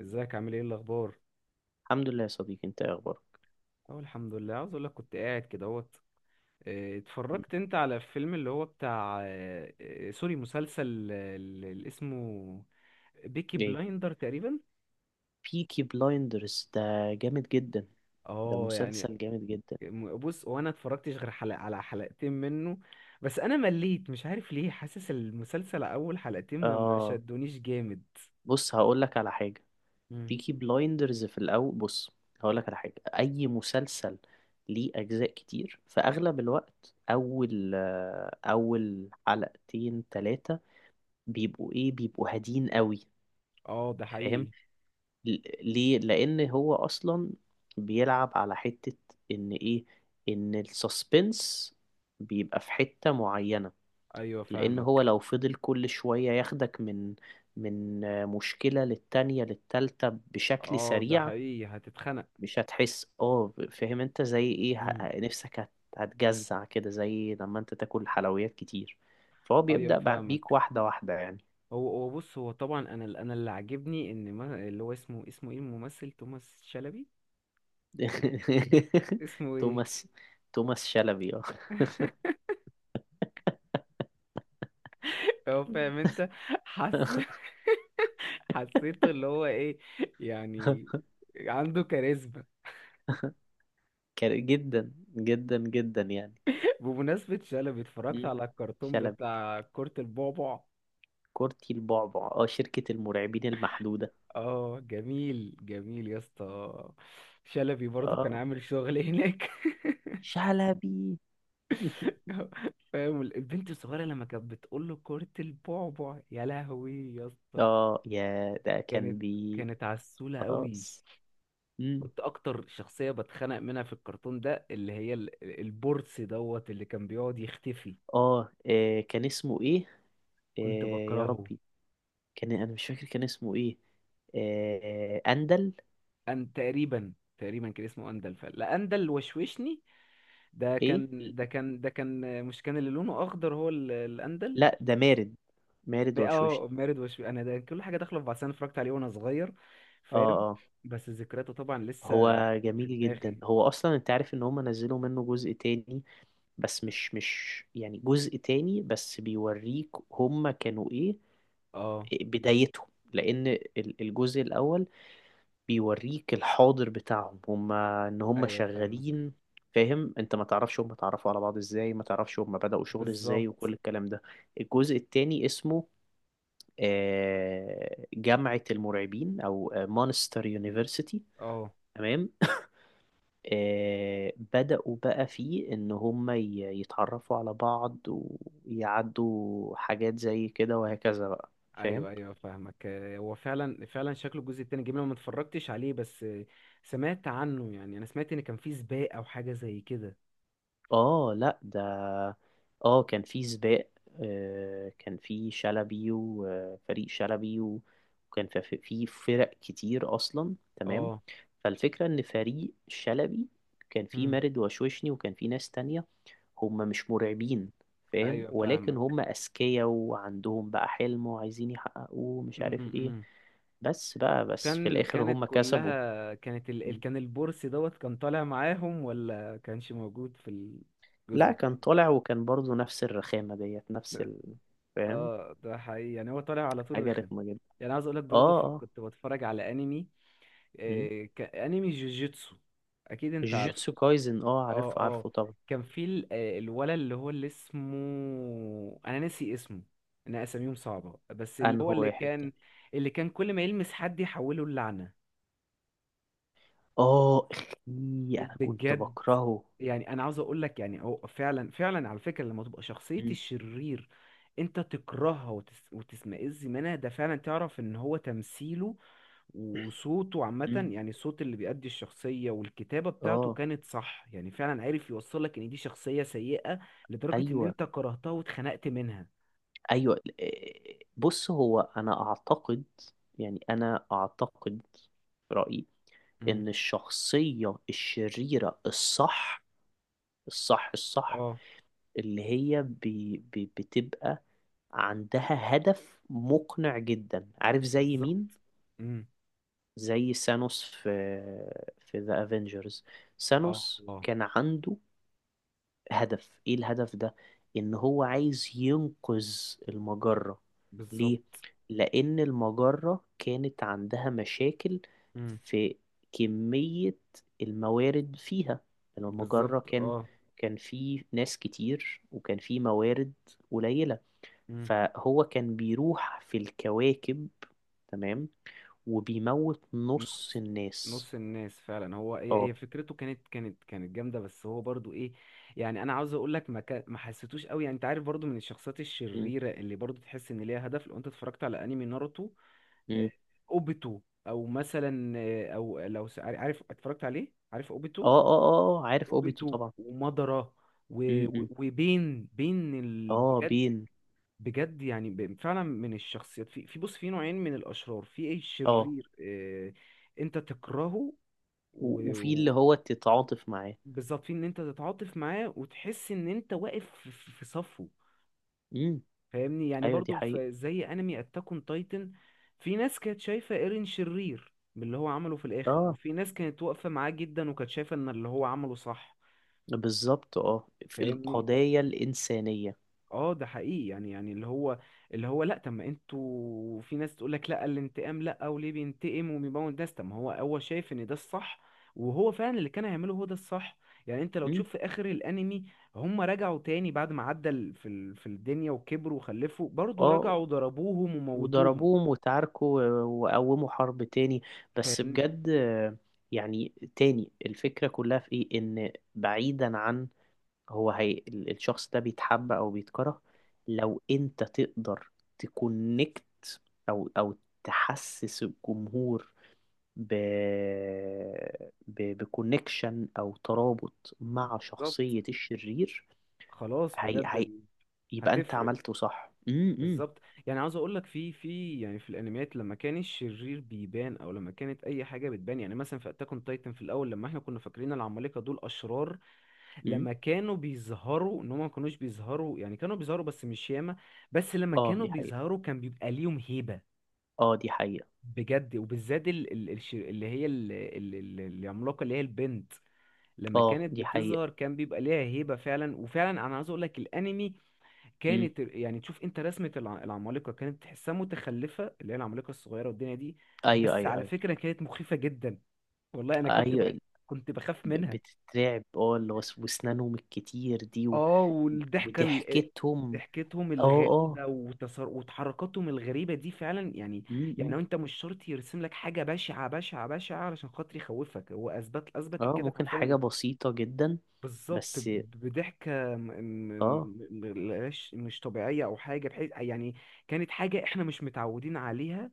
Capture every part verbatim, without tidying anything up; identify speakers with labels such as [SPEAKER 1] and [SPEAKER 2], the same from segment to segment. [SPEAKER 1] ازيك عامل ايه الاخبار؟
[SPEAKER 2] الحمد لله يا صديقي، انت ايه اخبارك؟
[SPEAKER 1] اه الحمد لله، عاوز اقول لك كنت قاعد كده اهوت. اه،
[SPEAKER 2] م.
[SPEAKER 1] اتفرجت انت على الفيلم اللي هو بتاع اه، اه، سوري، مسلسل اه، اللي اسمه بيكي
[SPEAKER 2] ايه،
[SPEAKER 1] بلايندر تقريبا.
[SPEAKER 2] بيكي بلايندرز ده جامد جدا. ده
[SPEAKER 1] اه يعني.
[SPEAKER 2] مسلسل جامد جدا.
[SPEAKER 1] م- بص، وانا اتفرجتش غير حلقة على حلقتين منه. بس انا مليت، مش عارف ليه، حاسس المسلسل اول حلقتين ما ما
[SPEAKER 2] اه،
[SPEAKER 1] شدونيش جامد.
[SPEAKER 2] بص هقول لك على حاجه.
[SPEAKER 1] مم.
[SPEAKER 2] بيكي بلايندرز في الاول، بص هقول لك على حاجه. اي مسلسل ليه اجزاء كتير، في اغلب الوقت اول آه، اول حلقتين ثلاثه، بيبقوا ايه، بيبقوا هادين قوي.
[SPEAKER 1] اه ده
[SPEAKER 2] فاهم؟
[SPEAKER 1] حقيقي.
[SPEAKER 2] ل- ليه؟ لان هو اصلا بيلعب على حتة، ان ايه، ان السسبنس بيبقى في حتة معينة،
[SPEAKER 1] ايوه
[SPEAKER 2] لان هو
[SPEAKER 1] فاهمك.
[SPEAKER 2] لو فضل كل شوية ياخدك من من آه، مشكلة للتانية للتالتة بشكل
[SPEAKER 1] اه ده
[SPEAKER 2] سريع،
[SPEAKER 1] حقيقي هتتخنق.
[SPEAKER 2] مش هتحس. اه فاهم انت زي ايه؟ ه-
[SPEAKER 1] مم.
[SPEAKER 2] ه- نفسك هت- هتجزع كده زي لما انت تاكل حلويات كتير، فهو
[SPEAKER 1] ايوه
[SPEAKER 2] بيبدأ بع- بيك
[SPEAKER 1] فاهمك.
[SPEAKER 2] واحدة واحدة يعني.
[SPEAKER 1] هو هو بص، هو طبعا، انا ال- انا اللي عاجبني ان ما اللي هو اسمه اسمه ايه الممثل؟ توماس شلبي. اسمه ايه؟
[SPEAKER 2] توماس. توماس شلبي، اه.
[SPEAKER 1] هو فاهم انت. حس حسيته اللي هو ايه يعني، عنده كاريزما.
[SPEAKER 2] كان جدا جدا جدا يعني.
[SPEAKER 1] بمناسبة شلبي، اتفرجت
[SPEAKER 2] مم.
[SPEAKER 1] على الكرتون
[SPEAKER 2] شلبي.
[SPEAKER 1] بتاع كرة البعبع.
[SPEAKER 2] كورتي البعبع، اه شركة المرعبين المحدودة.
[SPEAKER 1] اه جميل جميل يا اسطى. شلبي برضو كان
[SPEAKER 2] اه،
[SPEAKER 1] عامل شغل هناك
[SPEAKER 2] شلبي.
[SPEAKER 1] فاهم البنت الصغيرة لما كانت بتقول له كرة البعبع، يا لهوي يا اسطى.
[SPEAKER 2] اه، يا ده
[SPEAKER 1] كانت
[SPEAKER 2] كان بي.
[SPEAKER 1] كانت عسولة قوي.
[SPEAKER 2] خلاص. مم.
[SPEAKER 1] كنت اكتر شخصية بتخنق منها في الكرتون ده اللي هي ال- البورس دوت اللي كان بيقعد يختفي.
[SPEAKER 2] اه، آه، كان اسمه ايه؟ آه،
[SPEAKER 1] كنت
[SPEAKER 2] يا
[SPEAKER 1] بكرهه.
[SPEAKER 2] ربي، كان انا مش فاكر كان اسمه ايه. آه، اندل.
[SPEAKER 1] ان تقريبا، تقريبا كان اسمه اندل، فلا، اندل وشوشني. ده
[SPEAKER 2] ايه؟
[SPEAKER 1] كان ده كان ده كان مش، كان اللي لونه اخضر هو ال- الاندل.
[SPEAKER 2] لا، ده مارد. مارد وشوشني.
[SPEAKER 1] اه مارد وشوش انا. ده كل حاجة داخلة في بعض. انا اتفرجت عليه وانا صغير،
[SPEAKER 2] اه،
[SPEAKER 1] فاهم.
[SPEAKER 2] اه.
[SPEAKER 1] بس ذكرياته طبعا لسه
[SPEAKER 2] هو
[SPEAKER 1] في
[SPEAKER 2] جميل جدا،
[SPEAKER 1] دماغي.
[SPEAKER 2] هو اصلا انت عارف ان هم نزلوا منه جزء تاني، بس مش مش يعني جزء تاني، بس بيوريك هما كانوا ايه،
[SPEAKER 1] اه.
[SPEAKER 2] بدايتهم. لان ال- الجزء الاول بيوريك الحاضر بتاعهم، هما ان هما
[SPEAKER 1] ايوه فاهمك.
[SPEAKER 2] شغالين. فاهم انت ما تعرفش هما اتعرفوا على بعض ازاي، ما تعرفش هما بدأوا شغل ازاي
[SPEAKER 1] بالظبط.
[SPEAKER 2] وكل الكلام ده. الجزء التاني اسمه آه، جامعة المرعبين او مانستر يونيفرسيتي.
[SPEAKER 1] اه
[SPEAKER 2] تمام. آه، بدأوا بقى فيه إن هم ي- يتعرفوا على بعض ويعدوا حاجات زي كده وهكذا بقى. فاهم؟
[SPEAKER 1] ايوه ايوه فاهمك. آه، هو فعلا فعلا شكله الجزء التاني جميل، أنا ما اتفرجتش عليه. بس آه، سمعت عنه. يعني انا سمعت ان كان فيه سباق او حاجه زي كده.
[SPEAKER 2] آه لأ ده. آه، كان في سباق. آه، كان في شلبي وفريق شلبي و- وكان في في في فرق كتير أصلا. تمام.
[SPEAKER 1] اه.
[SPEAKER 2] فالفكرة إن فريق شلبي كان في
[SPEAKER 1] مم.
[SPEAKER 2] مارد وشوشني وكان في ناس تانية، هم مش مرعبين. فاهم؟
[SPEAKER 1] ايوه
[SPEAKER 2] ولكن
[SPEAKER 1] فاهمك.
[SPEAKER 2] هم أذكياء وعندهم بقى حلم وعايزين يحققوه، مش عارف ايه.
[SPEAKER 1] امم
[SPEAKER 2] بس بقى بس في
[SPEAKER 1] كان
[SPEAKER 2] الآخر
[SPEAKER 1] كانت
[SPEAKER 2] هم كسبوا.
[SPEAKER 1] كلها، كانت ال...
[SPEAKER 2] م.
[SPEAKER 1] ال- كان البورس دوت كان طالع معاهم ولا كانش موجود في الجزء
[SPEAKER 2] لا، كان
[SPEAKER 1] التاني؟
[SPEAKER 2] طالع وكان برضو نفس الرخامة ديت، نفس ال... فاهم.
[SPEAKER 1] اه ده حقيقي، يعني هو طالع على طول
[SPEAKER 2] حاجة
[SPEAKER 1] رخم.
[SPEAKER 2] رخمة جدا.
[SPEAKER 1] يعني عايز اقول لك برضو
[SPEAKER 2] اه،
[SPEAKER 1] في...
[SPEAKER 2] اه.
[SPEAKER 1] كنت بتفرج على انمي،
[SPEAKER 2] م.
[SPEAKER 1] آه... ك... انمي جوجيتسو، اكيد انت عارفه.
[SPEAKER 2] جوجوتسو كايزن، اه
[SPEAKER 1] اه
[SPEAKER 2] عارفه عارفه
[SPEAKER 1] اه.
[SPEAKER 2] طبعا.
[SPEAKER 1] كان في ال- آه، الولد اللي هو، اللي اسمه انا ناسي اسمه، انا اساميهم صعبة، بس اللي
[SPEAKER 2] انه
[SPEAKER 1] هو اللي
[SPEAKER 2] واحد ده.
[SPEAKER 1] كان، اللي كان كل ما يلمس حد يحوله اللعنة،
[SPEAKER 2] اه، اخي. انا كنت
[SPEAKER 1] بجد.
[SPEAKER 2] بكرهه.
[SPEAKER 1] يعني انا عاوز اقول لك، يعني هو فعلا فعلا على فكره، لما تبقى شخصيه
[SPEAKER 2] م.
[SPEAKER 1] الشرير انت تكرهها وتس وتسمئز منها، ده فعلا تعرف ان هو تمثيله وصوته
[SPEAKER 2] م.
[SPEAKER 1] عامه، يعني الصوت اللي بيأدي الشخصيه والكتابه بتاعته
[SPEAKER 2] اه.
[SPEAKER 1] كانت صح، يعني فعلا عارف يوصل لك ان دي شخصيه سيئه لدرجه ان
[SPEAKER 2] ايوه
[SPEAKER 1] انت كرهتها واتخنقت منها.
[SPEAKER 2] ايوه، إيه، بص هو انا اعتقد، يعني انا اعتقد في رايي
[SPEAKER 1] امم
[SPEAKER 2] ان الشخصيه الشريره الصح، الصح الصح،
[SPEAKER 1] اه
[SPEAKER 2] اللي هي بي بي بتبقى عندها هدف مقنع جدا. عارف زي
[SPEAKER 1] بالظبط.
[SPEAKER 2] مين؟
[SPEAKER 1] امم
[SPEAKER 2] زي سانوس في في ذا افنجرز.
[SPEAKER 1] اه
[SPEAKER 2] سانوس
[SPEAKER 1] اه
[SPEAKER 2] كان عنده هدف، ايه الهدف ده؟ ان هو عايز ينقذ المجرة. ليه؟
[SPEAKER 1] بالظبط.
[SPEAKER 2] لان المجرة كانت عندها مشاكل
[SPEAKER 1] امم
[SPEAKER 2] في كمية الموارد فيها. يعني المجرة
[SPEAKER 1] بالظبط
[SPEAKER 2] كان
[SPEAKER 1] اه.
[SPEAKER 2] كان في ناس كتير وكان في موارد قليلة،
[SPEAKER 1] مم.
[SPEAKER 2] فهو كان بيروح في الكواكب، تمام، وبيموت نص
[SPEAKER 1] نص
[SPEAKER 2] الناس.
[SPEAKER 1] نص الناس فعلا، هو هي
[SPEAKER 2] اه.
[SPEAKER 1] هي فكرته كانت كانت كانت جامده. بس هو برضو ايه، يعني انا عاوز اقول لك ما كا- ما حسيتوش قوي. يعني انت عارف برضو من الشخصيات
[SPEAKER 2] م-
[SPEAKER 1] الشريره اللي برضو تحس ان ليها هدف، لو انت اتفرجت على انمي ناروتو،
[SPEAKER 2] م.
[SPEAKER 1] آه، اوبيتو، او مثلا آه، او لو س- عارف اتفرجت عليه، عارف
[SPEAKER 2] اه
[SPEAKER 1] اوبيتو.
[SPEAKER 2] اه اه، آه، عارف اوبيتو
[SPEAKER 1] اوبيتو
[SPEAKER 2] طبعا.
[SPEAKER 1] ومادارا و-
[SPEAKER 2] م-
[SPEAKER 1] و-
[SPEAKER 2] م.
[SPEAKER 1] وبين، بين ال...
[SPEAKER 2] اه،
[SPEAKER 1] بجد.
[SPEAKER 2] بين.
[SPEAKER 1] بجد يعني ب- فعلا من الشخصيات، في في بص، في نوعين من الاشرار، في ايه،
[SPEAKER 2] اه،
[SPEAKER 1] الشرير، آه، انت تكرهه
[SPEAKER 2] و- وفي
[SPEAKER 1] و-
[SPEAKER 2] اللي هو تتعاطف معاه.
[SPEAKER 1] وبالظبط في ان انت تتعاطف معاه وتحس ان انت واقف في في- في صفه،
[SPEAKER 2] امم.
[SPEAKER 1] فاهمني. يعني
[SPEAKER 2] ايوه، دي
[SPEAKER 1] برضو
[SPEAKER 2] حقيقة.
[SPEAKER 1] في زي انمي اتاك اون تايتن، في ناس كانت شايفة ايرين شرير من اللي هو عمله في الاخر،
[SPEAKER 2] اه،
[SPEAKER 1] وفي ناس كانت واقفة معاه جدا وكانت شايفة ان اللي هو عمله صح،
[SPEAKER 2] بالظبط، اه في
[SPEAKER 1] فاهمني.
[SPEAKER 2] القضايا الإنسانية.
[SPEAKER 1] اه ده حقيقي. يعني يعني اللي هو، اللي هو، لا، طب ما انتوا، في ناس تقول لك لا الانتقام، لا، وليه بينتقم وبيموت ناس؟ طب ما هو هو شايف ان ده الصح، وهو فعلا اللي كان هيعمله هو ده الصح. يعني انت لو
[SPEAKER 2] امم.
[SPEAKER 1] تشوف في اخر الانمي، هم رجعوا تاني بعد ما عدى ال- في ال- في الدنيا وكبروا وخلفوا، برضه
[SPEAKER 2] اه،
[SPEAKER 1] رجعوا ضربوهم وموتوهم،
[SPEAKER 2] وضربوهم وتعاركوا و- وقوموا حرب تاني. بس
[SPEAKER 1] فاهمني.
[SPEAKER 2] بجد. آه، يعني تاني الفكرة كلها في ايه، ان بعيدا عن هو هي ال- الشخص ده بيتحب او بيتكره، لو انت تقدر تكونكت او او تحسس الجمهور ب... ب... بكونكشن او ترابط مع
[SPEAKER 1] بالظبط.
[SPEAKER 2] شخصية الشرير.
[SPEAKER 1] خلاص
[SPEAKER 2] هي...
[SPEAKER 1] بجد
[SPEAKER 2] هي...
[SPEAKER 1] ال-
[SPEAKER 2] يبقى انت
[SPEAKER 1] هتفرق.
[SPEAKER 2] عملته صح. امم.
[SPEAKER 1] بالظبط. يعني عاوز اقول لك في في يعني في الانميات، لما كان الشرير بيبان او لما كانت اي حاجه بتبان، يعني مثلا في اتاك اون تايتن في الاول، لما احنا كنا فاكرين العمالقه دول اشرار،
[SPEAKER 2] امم.
[SPEAKER 1] لما كانوا بيظهروا، ان هم ما كانوش بيظهروا، يعني كانوا بيظهروا بس مش ياما، بس لما
[SPEAKER 2] اه،
[SPEAKER 1] كانوا
[SPEAKER 2] دي حقيقة.
[SPEAKER 1] بيظهروا كان بيبقى ليهم هيبه
[SPEAKER 2] اه، دي حقيقة.
[SPEAKER 1] بجد. وبالذات ال ال الش- اللي هي ال ال ال- العملاقه اللي هي البنت، لما
[SPEAKER 2] اه،
[SPEAKER 1] كانت
[SPEAKER 2] دي حقيقة.
[SPEAKER 1] بتظهر كان بيبقى ليها هيبه فعلا. وفعلا انا عاوز اقول لك، الانمي
[SPEAKER 2] امم.
[SPEAKER 1] كانت، يعني تشوف انت رسمة الع- العمالقة كانت تحسها متخلفة، اللي هي العمالقة الصغيرة والدنيا دي،
[SPEAKER 2] ايوه
[SPEAKER 1] بس
[SPEAKER 2] ايوه
[SPEAKER 1] على
[SPEAKER 2] ايوه
[SPEAKER 1] فكرة كانت مخيفة جدا. والله انا كنت
[SPEAKER 2] ايوه.
[SPEAKER 1] ب... كنت بخاف
[SPEAKER 2] ب-
[SPEAKER 1] منها.
[SPEAKER 2] بتترعب، اه اللي هو س- واسنانهم الكتير دي و...
[SPEAKER 1] اه والضحكة ال...
[SPEAKER 2] وضحكتهم.
[SPEAKER 1] ضحكتهم
[SPEAKER 2] اه، اه.
[SPEAKER 1] الغريبة وتصر... وتحركاتهم الغريبة دي فعلا، يعني.
[SPEAKER 2] امم.
[SPEAKER 1] يعني
[SPEAKER 2] إمم.
[SPEAKER 1] هو انت مش شرط يرسم لك حاجة بشعة بشعة بشعة علشان خاطر يخوفك، هو اثبت اثبت
[SPEAKER 2] اه،
[SPEAKER 1] الكاتب
[SPEAKER 2] ممكن حاجة
[SPEAKER 1] حرفيا.
[SPEAKER 2] بسيطة جدا.
[SPEAKER 1] بالظبط
[SPEAKER 2] بس.
[SPEAKER 1] ب- بضحكة م-
[SPEAKER 2] اه
[SPEAKER 1] م- م- مش مش طبيعية أو حاجة، بحيث يعني كانت حاجة إحنا مش متعودين عليها،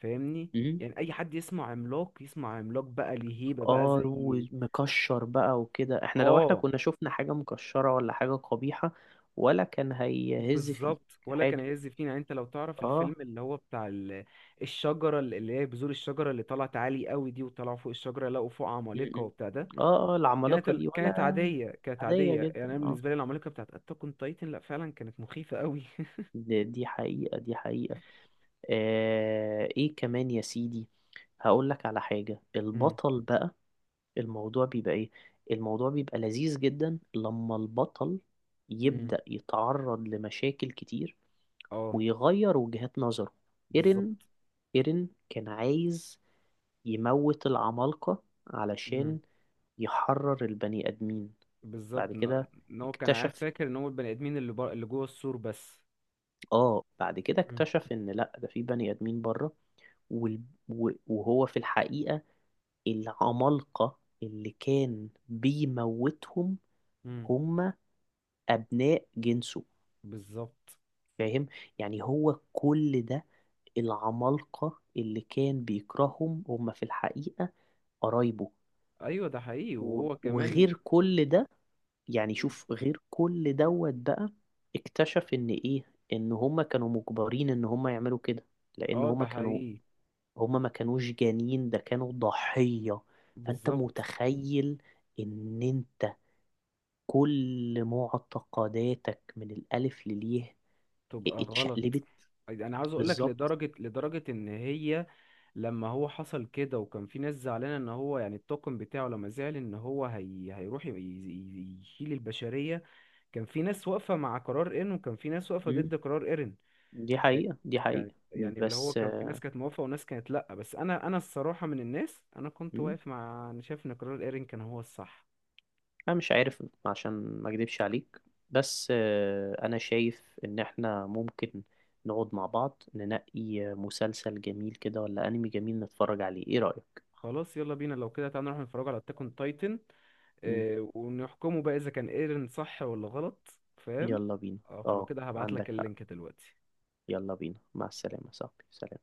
[SPEAKER 1] فاهمني.
[SPEAKER 2] إمم.
[SPEAKER 1] يعني أي حد يسمع عملاق، يسمع عملاق بقى ليه هيبة بقى
[SPEAKER 2] اه،
[SPEAKER 1] زي.
[SPEAKER 2] ومكشر بقى وكده، احنا لو احنا
[SPEAKER 1] آه
[SPEAKER 2] كنا شفنا حاجة مكشرة ولا حاجة قبيحة ولا كان هيهز فيك
[SPEAKER 1] بالظبط ولا كان
[SPEAKER 2] حاجة.
[SPEAKER 1] يزفين. يعني أنت لو تعرف الفيلم
[SPEAKER 2] اه.
[SPEAKER 1] اللي هو بتاع ال- الشجرة، اللي هي بذور الشجرة اللي طلعت عالي قوي دي، وطلعوا فوق الشجرة لقوا فوق
[SPEAKER 2] م-
[SPEAKER 1] عمالقة
[SPEAKER 2] م.
[SPEAKER 1] وبتاع ده،
[SPEAKER 2] اه، اه.
[SPEAKER 1] كانت
[SPEAKER 2] العمالقة
[SPEAKER 1] ال-
[SPEAKER 2] دي
[SPEAKER 1] كانت
[SPEAKER 2] ولا
[SPEAKER 1] عادية كانت
[SPEAKER 2] عادية
[SPEAKER 1] عادية. يعني
[SPEAKER 2] جدا.
[SPEAKER 1] أنا
[SPEAKER 2] اه،
[SPEAKER 1] بالنسبة لي العمالقة بتاعت أتاك أون تايتن لأ، فعلا كانت مخيفة قوي.
[SPEAKER 2] دي دي حقيقة. دي حقيقة. آه، ايه كمان يا سيدي؟ هقول لك على حاجة. البطل بقى الموضوع بيبقى ايه؟ الموضوع بيبقى لذيذ جدا لما البطل
[SPEAKER 1] مم.
[SPEAKER 2] يبدأ يتعرض لمشاكل كتير
[SPEAKER 1] اه
[SPEAKER 2] ويغير وجهات نظره.
[SPEAKER 1] بالظبط.
[SPEAKER 2] ايرين ايرين كان عايز يموت العمالقة
[SPEAKER 1] مم.
[SPEAKER 2] علشان يحرر البني آدمين. بعد
[SPEAKER 1] بالظبط ان،
[SPEAKER 2] كده
[SPEAKER 1] إن هو كان عارف،
[SPEAKER 2] اكتشف
[SPEAKER 1] فاكر ان هو البني ادمين اللي بر... اللي جوه السور بس.
[SPEAKER 2] اه بعد كده
[SPEAKER 1] مم.
[SPEAKER 2] اكتشف ان لا، ده في بني آدمين بره وال... و- وهو في الحقيقة العمالقة اللي كان بيموتهم
[SPEAKER 1] مم.
[SPEAKER 2] هم أبناء جنسه.
[SPEAKER 1] بالظبط.
[SPEAKER 2] فاهم؟ يعني هو كل ده العمالقة اللي كان بيكرههم هم في الحقيقة قرايبه.
[SPEAKER 1] ايوه ده حقيقي
[SPEAKER 2] و-
[SPEAKER 1] وهو كمان.
[SPEAKER 2] وغير كل ده، يعني
[SPEAKER 1] مم.
[SPEAKER 2] شوف غير كل دوت بقى، اكتشف ان ايه، ان هما كانوا مجبرين ان هما يعملوا كده، لان
[SPEAKER 1] اه
[SPEAKER 2] هما
[SPEAKER 1] ده
[SPEAKER 2] كانوا
[SPEAKER 1] حقيقي.
[SPEAKER 2] هما ما كانوش جانين، ده كانوا ضحية. فانت
[SPEAKER 1] بالظبط
[SPEAKER 2] متخيل ان انت كل معتقداتك من الالف لليه
[SPEAKER 1] تبقى غلط.
[SPEAKER 2] اتشقلبت.
[SPEAKER 1] انا عاوز اقول لك
[SPEAKER 2] بالظبط.
[SPEAKER 1] لدرجه لدرجه ان هي لما هو حصل كده، وكان في ناس زعلانه ان هو يعني الطاقم بتاعه لما زعل ان هو هي... هيروح ي- ي- يشيل البشريه، كان في ناس واقفه مع قرار ايرن وكان في ناس واقفه
[SPEAKER 2] امم.
[SPEAKER 1] ضد قرار ايرن.
[SPEAKER 2] دي حقيقة، دي
[SPEAKER 1] يعني
[SPEAKER 2] حقيقة
[SPEAKER 1] يعني اللي هو
[SPEAKER 2] بس.
[SPEAKER 1] كان في ناس كانت موافقة وناس كانت لأ. بس أنا أنا الصراحة من الناس، أنا كنت
[SPEAKER 2] مم.
[SPEAKER 1] واقف مع، أنا شايف إن قرار إيرين كان هو الصح.
[SPEAKER 2] انا مش عارف، عشان ما اكدبش عليك، بس. آه، انا شايف ان احنا ممكن نقعد مع بعض ننقي مسلسل جميل كده ولا انمي جميل نتفرج عليه. ايه رأيك؟
[SPEAKER 1] خلاص يلا بينا، لو كده تعالى نروح نتفرج على أتاك أون تايتن
[SPEAKER 2] مم.
[SPEAKER 1] ونحكمه بقى، إذا كان إيرين صح ولا غلط، فاهم.
[SPEAKER 2] يلا بينا.
[SPEAKER 1] اه فلو
[SPEAKER 2] اه،
[SPEAKER 1] كده هبعتلك
[SPEAKER 2] عندك حق.
[SPEAKER 1] اللينك دلوقتي.
[SPEAKER 2] يلا بينا، مع السلامة يا صاحبي، سلام.